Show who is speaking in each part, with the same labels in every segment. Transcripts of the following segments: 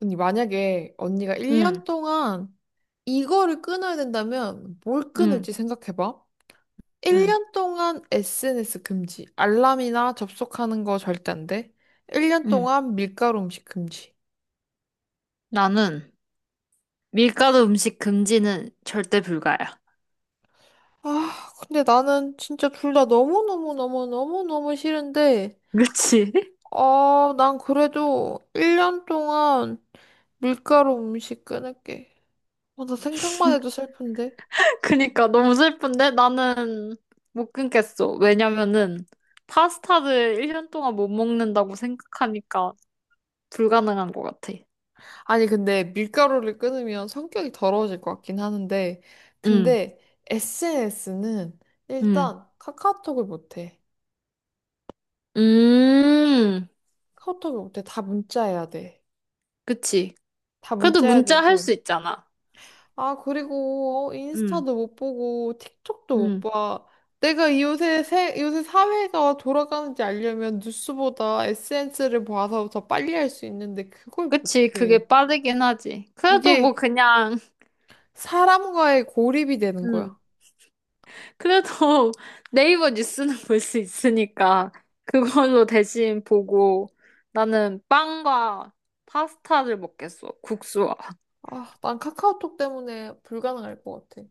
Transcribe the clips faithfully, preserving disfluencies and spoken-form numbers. Speaker 1: 언니, 만약에 언니가
Speaker 2: 응,
Speaker 1: 일 년 동안 이거를 끊어야 된다면 뭘
Speaker 2: 응,
Speaker 1: 끊을지 생각해봐.
Speaker 2: 응,
Speaker 1: 일 년 동안 에스엔에스 금지. 알람이나 접속하는 거 절대 안 돼. 일 년
Speaker 2: 응.
Speaker 1: 동안 밀가루 음식 금지.
Speaker 2: 나는 밀가루 음식 금지는 절대 불가야.
Speaker 1: 아, 근데 나는 진짜 둘 다 너무너무너무너무너무 싫은데,
Speaker 2: 그치?
Speaker 1: 아, 난 그래도 일 년 동안 밀가루 음식 끊을게. 아, 나 생각만 해도 슬픈데.
Speaker 2: 그니까 너무 슬픈데 나는 못 끊겠어. 왜냐면은 파스타를 일 년 동안 못 먹는다고 생각하니까 불가능한 것 같아.
Speaker 1: 아니, 근데 밀가루를 끊으면 성격이 더러워질 것 같긴 하는데,
Speaker 2: 응,
Speaker 1: 근데 에스엔에스는
Speaker 2: 응.
Speaker 1: 일단 카카오톡을 못 해.
Speaker 2: 음,
Speaker 1: 카카오톡을 못 해. 다 문자해야 돼.
Speaker 2: 그치.
Speaker 1: 다
Speaker 2: 그래도
Speaker 1: 문자해야
Speaker 2: 문자 할 수
Speaker 1: 되고.
Speaker 2: 있잖아.
Speaker 1: 아, 그리고 어,
Speaker 2: 응,
Speaker 1: 인스타도 못 보고, 틱톡도 못
Speaker 2: 응.
Speaker 1: 봐. 내가 이 요새, 세, 요새 사회가 돌아가는지 알려면 뉴스보다 에스엔에스를 봐서 더 빨리 할 수 있는데, 그걸 못
Speaker 2: 그치.
Speaker 1: 해.
Speaker 2: 그게 빠르긴 하지. 그래도 뭐
Speaker 1: 이게
Speaker 2: 그냥,
Speaker 1: 사람과의 고립이 되는 거야.
Speaker 2: 응. 그래도 네이버 뉴스는 볼 수 있으니까 그걸로 대신 보고 나는 빵과 파스타를 먹겠어. 국수와.
Speaker 1: 아, 난 카카오톡 때문에 불가능할 것 같아.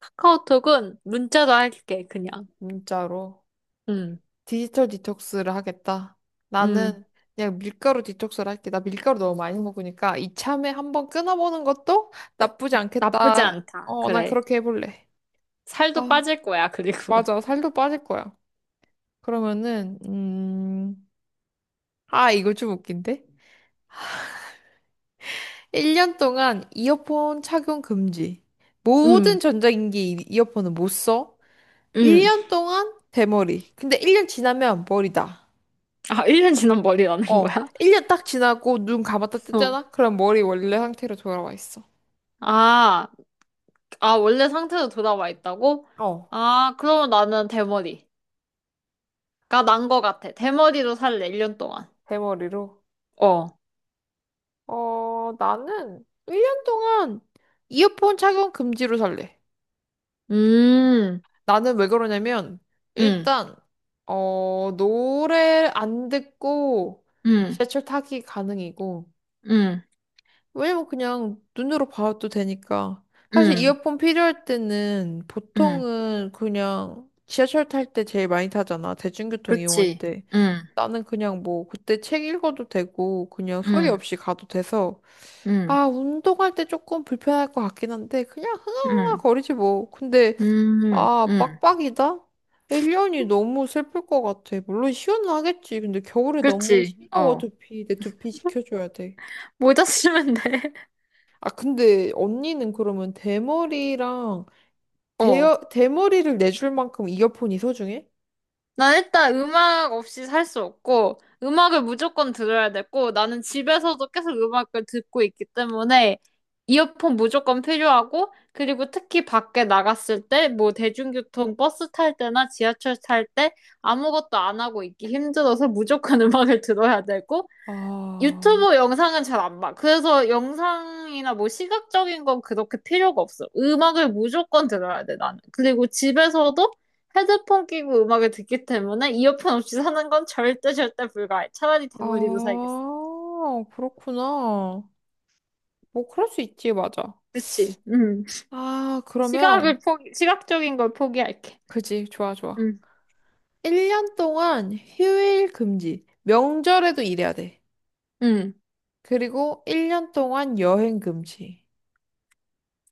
Speaker 2: 카카오톡은 문자로 할게, 그냥.
Speaker 1: 진짜로.
Speaker 2: 음,
Speaker 1: 디지털 디톡스를 하겠다.
Speaker 2: 음.
Speaker 1: 나는 그냥 밀가루 디톡스를 할게. 나 밀가루 너무 많이 먹으니까 이참에 한번 끊어보는 것도 나쁘지
Speaker 2: 나쁘지
Speaker 1: 않겠다.
Speaker 2: 않다.
Speaker 1: 어, 난
Speaker 2: 그래.
Speaker 1: 그렇게 해볼래.
Speaker 2: 살도
Speaker 1: 아,
Speaker 2: 빠질 거야, 그리고.
Speaker 1: 맞아. 살도 빠질 거야. 그러면은, 음, 아, 이거 좀 웃긴데? 일 년 동안 이어폰 착용 금지.
Speaker 2: 음,
Speaker 1: 모든 전자기기 이- 이어폰은 못 써.
Speaker 2: 음.
Speaker 1: 일 년 동안 대머리. 근데 일 년 지나면 머리다.
Speaker 2: 아, 일 년 지난 머리라는
Speaker 1: 어,
Speaker 2: 거야?
Speaker 1: 일 년 딱 지나고 눈 감았다
Speaker 2: 어.
Speaker 1: 떴잖아? 그럼 머리 원래 상태로 돌아와 있어.
Speaker 2: 아, 아, 원래 상태로 돌아와 있다고?
Speaker 1: 어.
Speaker 2: 아, 그러면 나는 대머리가 난 거 같아. 대머리로 살래, 일 년 동안.
Speaker 1: 대머리로.
Speaker 2: 어.
Speaker 1: 어, 나는 일 년 동안 이어폰 착용 금지로 살래.
Speaker 2: 음,
Speaker 1: 나는 왜 그러냐면,
Speaker 2: 음,
Speaker 1: 일단, 어, 노래 안 듣고
Speaker 2: 음,
Speaker 1: 지하철 타기 가능이고,
Speaker 2: 음,
Speaker 1: 왜냐면 그냥 눈으로 봐도 되니까. 사실
Speaker 2: 음,
Speaker 1: 이어폰 필요할 때는
Speaker 2: 음,
Speaker 1: 보통은 그냥 지하철 탈 때 제일 많이 타잖아. 대중교통 이용할
Speaker 2: 그렇지.
Speaker 1: 때.
Speaker 2: 음,
Speaker 1: 나는 그냥 뭐 그때 책 읽어도 되고 그냥 소리
Speaker 2: 음,
Speaker 1: 없이 가도 돼서
Speaker 2: 음,
Speaker 1: 아 운동할 때 조금 불편할 것 같긴 한데 그냥 흥얼흥얼
Speaker 2: 음,
Speaker 1: 거리지 뭐. 근데
Speaker 2: 음,
Speaker 1: 아
Speaker 2: 음,
Speaker 1: 빡빡이다? 일 년이 너무 슬플 것 같아. 물론 시원하겠지. 근데 겨울에 너무
Speaker 2: 그렇지.
Speaker 1: 시려워
Speaker 2: 어,
Speaker 1: 두피. 내 두피 지켜줘야 돼.
Speaker 2: 모자 쓰면 돼.
Speaker 1: 아, 근데 언니는 그러면 대머리랑 대
Speaker 2: 어.
Speaker 1: 대머리를 내줄 만큼 이어폰이 소중해?
Speaker 2: 난 일단 음악 없이 살 수 없고, 음악을 무조건 들어야 되고, 나는 집에서도 계속 음악을 듣고 있기 때문에, 이어폰 무조건 필요하고, 그리고 특히 밖에 나갔을 때, 뭐 대중교통 버스 탈 때나 지하철 탈 때, 아무것도 안 하고 있기 힘들어서 무조건 음악을 들어야 되고,
Speaker 1: 아,
Speaker 2: 유튜브 영상은 잘 안 봐. 그래서 영상이나 뭐 시각적인 건 그렇게 필요가 없어. 음악을 무조건 들어야 돼, 나는. 그리고 집에서도 헤드폰 끼고 음악을 듣기 때문에 이어폰 없이 사는 건 절대 절대 불가해. 차라리 대머리도 살겠어.
Speaker 1: 아, 그렇구나. 뭐, 그럴 수 있지, 맞아.
Speaker 2: 그렇지. 음.
Speaker 1: 아,
Speaker 2: 시각을
Speaker 1: 그러면,
Speaker 2: 포기, 시각적인 걸 포기할게.
Speaker 1: 그지, 좋아, 좋아.
Speaker 2: 음.
Speaker 1: 일 년 동안 휴일 금지. 명절에도 일해야 돼.
Speaker 2: 음.
Speaker 1: 그리고 일 년 동안 여행 금지.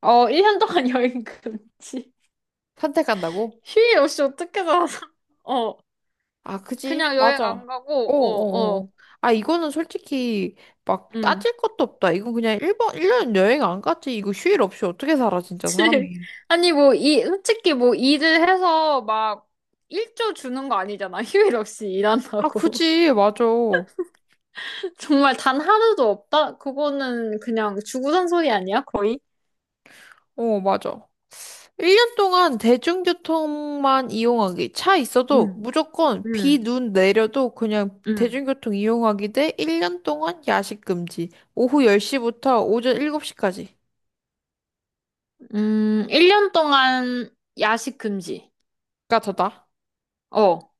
Speaker 2: 어, 일 년 동안 여행 금지.
Speaker 1: 선택한다고?
Speaker 2: 휴일 없이 어떻게 살아서. 어.
Speaker 1: 아, 그지?
Speaker 2: 그냥 여행
Speaker 1: 맞아. 어,
Speaker 2: 안 가고,
Speaker 1: 어,
Speaker 2: 어,
Speaker 1: 어.
Speaker 2: 어.
Speaker 1: 어. 아, 이거는 솔직히 막
Speaker 2: 음.
Speaker 1: 따질 것도 없다. 이건 그냥 일번일년 여행 안 갔지. 이거 휴일 없이 어떻게 살아, 진짜
Speaker 2: 그치.
Speaker 1: 사람이.
Speaker 2: 아니, 뭐, 이, 솔직히 뭐, 일을 해서 막, 일조 주는 거 아니잖아. 휴일 없이
Speaker 1: 아,
Speaker 2: 일한다고.
Speaker 1: 그지? 맞아. 어,
Speaker 2: 정말 단 하루도 없다? 그거는 그냥 주구장 소리 아니야, 거의?
Speaker 1: 맞아. 일 년 동안 대중교통만 이용하기. 차 있어도
Speaker 2: 응,
Speaker 1: 무조건 비,
Speaker 2: 응,
Speaker 1: 눈 내려도 그냥
Speaker 2: 응.
Speaker 1: 대중교통 이용하기 대 일 년 동안 야식 금지. 오후 열 시부터 오전 일곱 시까지가
Speaker 2: 음, 일 년 동안 야식 금지.
Speaker 1: 더다.
Speaker 2: 어.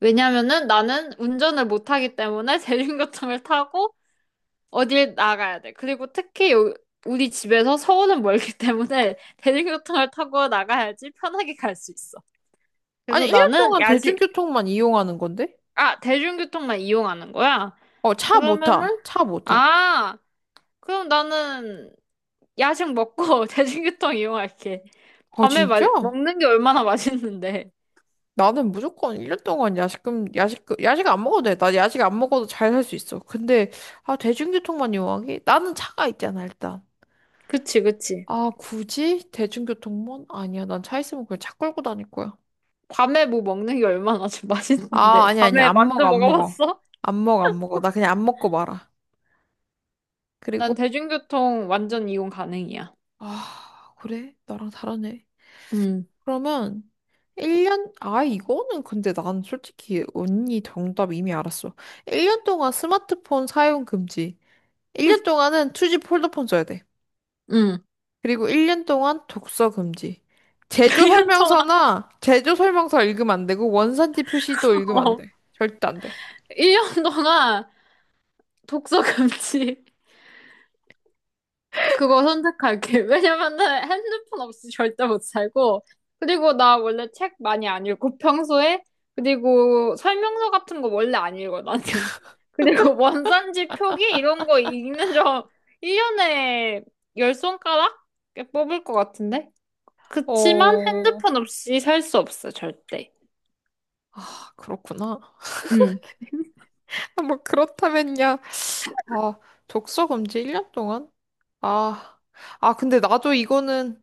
Speaker 2: 왜냐면은 나는 운전을 못 하기 때문에 대중교통을 타고 어딜 나가야 돼. 그리고 특히 요, 우리 집에서 서울은 멀기 때문에 대중교통을 타고 나가야지 편하게 갈 수 있어.
Speaker 1: 아니,
Speaker 2: 그래서
Speaker 1: 일 년
Speaker 2: 나는
Speaker 1: 동안
Speaker 2: 야식,
Speaker 1: 대중교통만 이용하는 건데?
Speaker 2: 아, 대중교통만 이용하는 거야?
Speaker 1: 어, 차 못
Speaker 2: 그러면은,
Speaker 1: 타. 차 못 타.
Speaker 2: 아, 그럼 나는 야식 먹고 대중교통 이용할게.
Speaker 1: 아,
Speaker 2: 밤에 마,
Speaker 1: 진짜?
Speaker 2: 먹는 게 얼마나 맛있는데.
Speaker 1: 나는 무조건 일 년 동안 야식, 금, 야식, 금- 야식 안 먹어도 돼. 나 야식 안 먹어도 잘 살 수 있어. 근데, 아, 대중교통만 이용하기? 나는 차가 있잖아, 일단.
Speaker 2: 그치, 그치.
Speaker 1: 아, 굳이? 대중교통만? 아니야. 난 차 있으면 그냥 차 끌고 다닐 거야.
Speaker 2: 밤에 뭐 먹는 게 얼마나 좀
Speaker 1: 아,
Speaker 2: 맛있는데.
Speaker 1: 아니야, 아니야.
Speaker 2: 밤에
Speaker 1: 안
Speaker 2: 만두
Speaker 1: 먹어, 안 먹어.
Speaker 2: 먹어봤어?
Speaker 1: 안 먹어, 안 먹어. 나 그냥 안 먹고 말아. 그리고,
Speaker 2: 난 대중교통 완전 이용 가능이야.
Speaker 1: 아, 그래? 나랑 다르네.
Speaker 2: 응,
Speaker 1: 그러면 일 년, 아, 이거는 근데 난 솔직히 언니 정답 이미 알았어. 일 년 동안 스마트폰 사용 금지. 일 년 동안은 투지 폴더폰 써야 돼.
Speaker 2: 응.
Speaker 1: 그리고 일 년 동안 독서 금지. 제조
Speaker 2: 일 년 동안,
Speaker 1: 설명서나 제조 설명서 읽으면 안 되고 원산지 표시도 읽으면 안
Speaker 2: 어.
Speaker 1: 돼. 절대 안 돼.
Speaker 2: 일 년 동안 독서 금지. 그거 선택할게. 왜냐면은 핸드폰 없이 절대 못 살고, 그리고 나 원래 책 많이 안 읽고 평소에, 그리고 설명서 같은 거 원래 안 읽어, 나는. 그리고 원산지 표기 이런 거 읽는 점 일 년에 열 손가락 뽑을 것 같은데? 그치만
Speaker 1: 어,
Speaker 2: 핸드폰 없이 살 수 없어, 절대.
Speaker 1: 아, 그렇구나.
Speaker 2: 응.
Speaker 1: 뭐 그렇다면야. 아, 독서 금지 일 년 동안? 아, 아, 근데 나도 이거는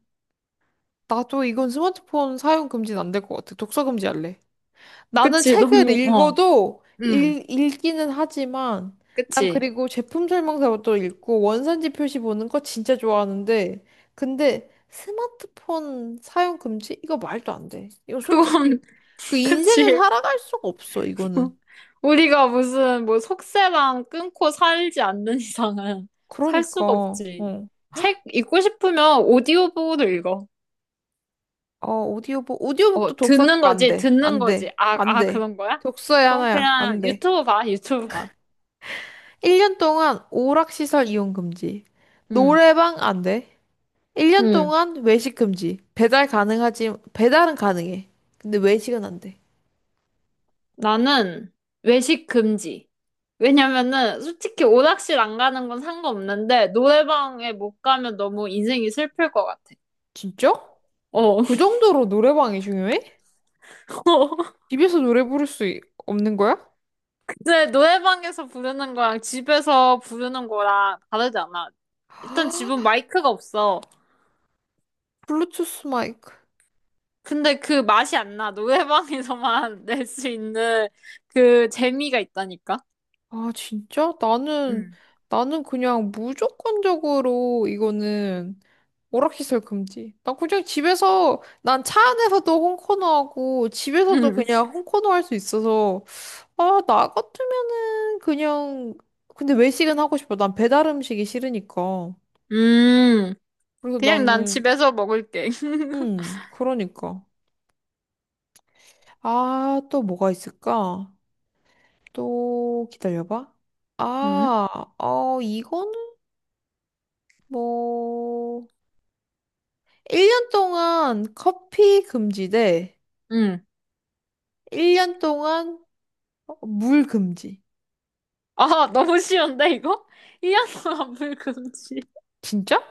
Speaker 1: 나도 이건 스마트폰 사용 금지는 안 될 것 같아. 독서 금지할래. 나는
Speaker 2: 그치,
Speaker 1: 책을
Speaker 2: 너무, 어.
Speaker 1: 읽어도
Speaker 2: 응.
Speaker 1: 읽, 읽기는 하지만 난
Speaker 2: 그치.
Speaker 1: 그리고 제품 설명서도 읽고 원산지 표시 보는 거 진짜 좋아하는데 근데 스마트폰 사용 금지? 이거 말도 안 돼. 이거 솔직히
Speaker 2: 그건,
Speaker 1: 그
Speaker 2: 그치.
Speaker 1: 인생을 살아갈 수가 없어, 이거는.
Speaker 2: 우리가 무슨 뭐 속세랑 끊고 살지 않는 이상은 살 수가
Speaker 1: 그러니까
Speaker 2: 없지.
Speaker 1: 어.
Speaker 2: 책 읽고 싶으면 오디오북으로 읽어.
Speaker 1: 어, 오디오북 오디오북도
Speaker 2: 어,
Speaker 1: 독서가
Speaker 2: 듣는
Speaker 1: 안
Speaker 2: 거지,
Speaker 1: 돼.
Speaker 2: 듣는
Speaker 1: 안
Speaker 2: 거지.
Speaker 1: 돼.
Speaker 2: 아,
Speaker 1: 안
Speaker 2: 아,
Speaker 1: 돼.
Speaker 2: 그런 거야?
Speaker 1: 독서에
Speaker 2: 그건
Speaker 1: 하나야. 안
Speaker 2: 그냥
Speaker 1: 돼.
Speaker 2: 유튜브 봐, 유튜브 봐.
Speaker 1: 일 년 동안 오락시설 이용 금지.
Speaker 2: 응,
Speaker 1: 노래방 안 돼. 일 년
Speaker 2: 응.
Speaker 1: 동안 외식 금지. 배달 가능하지, 배달은 가능해. 근데 외식은 안 돼.
Speaker 2: 나는 외식 금지. 왜냐면은 솔직히 오락실 안 가는 건 상관없는데 노래방에 못 가면 너무 인생이 슬플 것 같아.
Speaker 1: 진짜?
Speaker 2: 어.
Speaker 1: 그 정도로 노래방이 중요해? 집에서 노래 부를 수 이- 없는 거야?
Speaker 2: 이제 노래방에서 부르는 거랑 집에서 부르는 거랑 다르지 않아. 일단 집은 마이크가 없어.
Speaker 1: 블루투스 마이크.
Speaker 2: 근데 그 맛이 안 나. 노래방에서만 낼 수 있는 그 재미가 있다니까.
Speaker 1: 아, 진짜? 나는,
Speaker 2: 응.
Speaker 1: 나는 그냥 무조건적으로 이거는 오락시설 금지. 난 그냥 집에서, 난 차 안에서도 홈코너 하고, 집에서도
Speaker 2: 응.
Speaker 1: 그냥 홈코너 할 수 있어서, 아, 나 같으면은 그냥 근데 외식은 하고 싶어. 난 배달 음식이 싫으니까.
Speaker 2: 음.
Speaker 1: 그래서
Speaker 2: 그냥 난
Speaker 1: 나는
Speaker 2: 집에서 먹을게.
Speaker 1: 음, 그러니까. 아, 또 뭐가 있을까? 또 기다려봐.
Speaker 2: 응?
Speaker 1: 아, 어, 이거는 뭐 일 년 동안 커피 금지 대
Speaker 2: 응.
Speaker 1: 일 년 동안 물 금지.
Speaker 2: 아, 너무 쉬운데 이거? 일 년 동안 불금지.
Speaker 1: 진짜?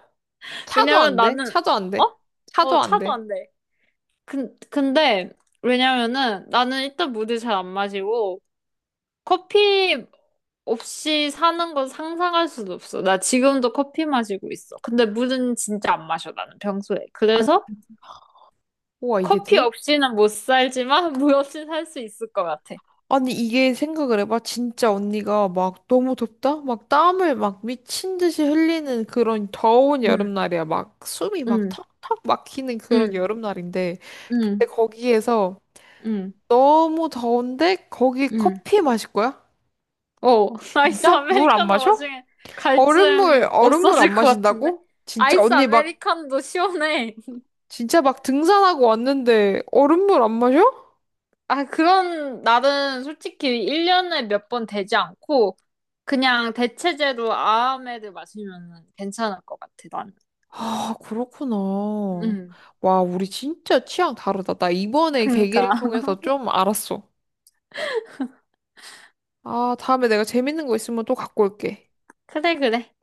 Speaker 1: 차도
Speaker 2: 왜냐면
Speaker 1: 안 돼?
Speaker 2: 나는
Speaker 1: 차도 안 돼?
Speaker 2: 어?
Speaker 1: 차도
Speaker 2: 어,
Speaker 1: 안
Speaker 2: 차도
Speaker 1: 돼.
Speaker 2: 안 돼. 근, 근데 왜냐면은 나는 일단 물을 잘 안 마시고 커피 없이 사는 건 상상할 수도 없어. 나 지금도 커피 마시고 있어. 근데 물은 진짜 안 마셔, 나는 평소에.
Speaker 1: 아니,
Speaker 2: 그래서
Speaker 1: 우와, 이게
Speaker 2: 커피
Speaker 1: 돼?
Speaker 2: 없이는 못 살지만 물 없이 살 수 있을 것 같아.
Speaker 1: 아니, 이게 생각을 해봐. 진짜 언니가 막 너무 덥다? 막 땀을 막 미친 듯이 흘리는 그런 더운
Speaker 2: 응,
Speaker 1: 여름날이야. 막 숨이 막
Speaker 2: 응,
Speaker 1: 턱턱 막히는 그런
Speaker 2: 응,
Speaker 1: 여름날인데.
Speaker 2: 응,
Speaker 1: 근데 거기에서
Speaker 2: 응,
Speaker 1: 너무 더운데 거기
Speaker 2: 응.
Speaker 1: 커피 마실 거야?
Speaker 2: 오, 아이스
Speaker 1: 진짜? 물 안
Speaker 2: 아메리카노
Speaker 1: 마셔?
Speaker 2: 와중에
Speaker 1: 얼음물,
Speaker 2: 갈증
Speaker 1: 얼음물 안
Speaker 2: 없어질 것 같은데?
Speaker 1: 마신다고? 진짜
Speaker 2: 아이스
Speaker 1: 언니 막,
Speaker 2: 아메리카노도 시원해.
Speaker 1: 진짜 막 등산하고 왔는데 얼음물 안 마셔?
Speaker 2: 아, 그런 날은 솔직히 일 년에 몇 번 되지 않고 그냥 대체제로 아메드 마시면 괜찮을 것 같아, 나는.
Speaker 1: 아, 그렇구나.
Speaker 2: 응.
Speaker 1: 와, 우리 진짜 취향 다르다. 나 이번에
Speaker 2: 그니까.
Speaker 1: 계기를 통해서 좀 알았어. 아, 다음에 내가 재밌는 거 있으면 또 갖고 올게.
Speaker 2: 그래, 그래.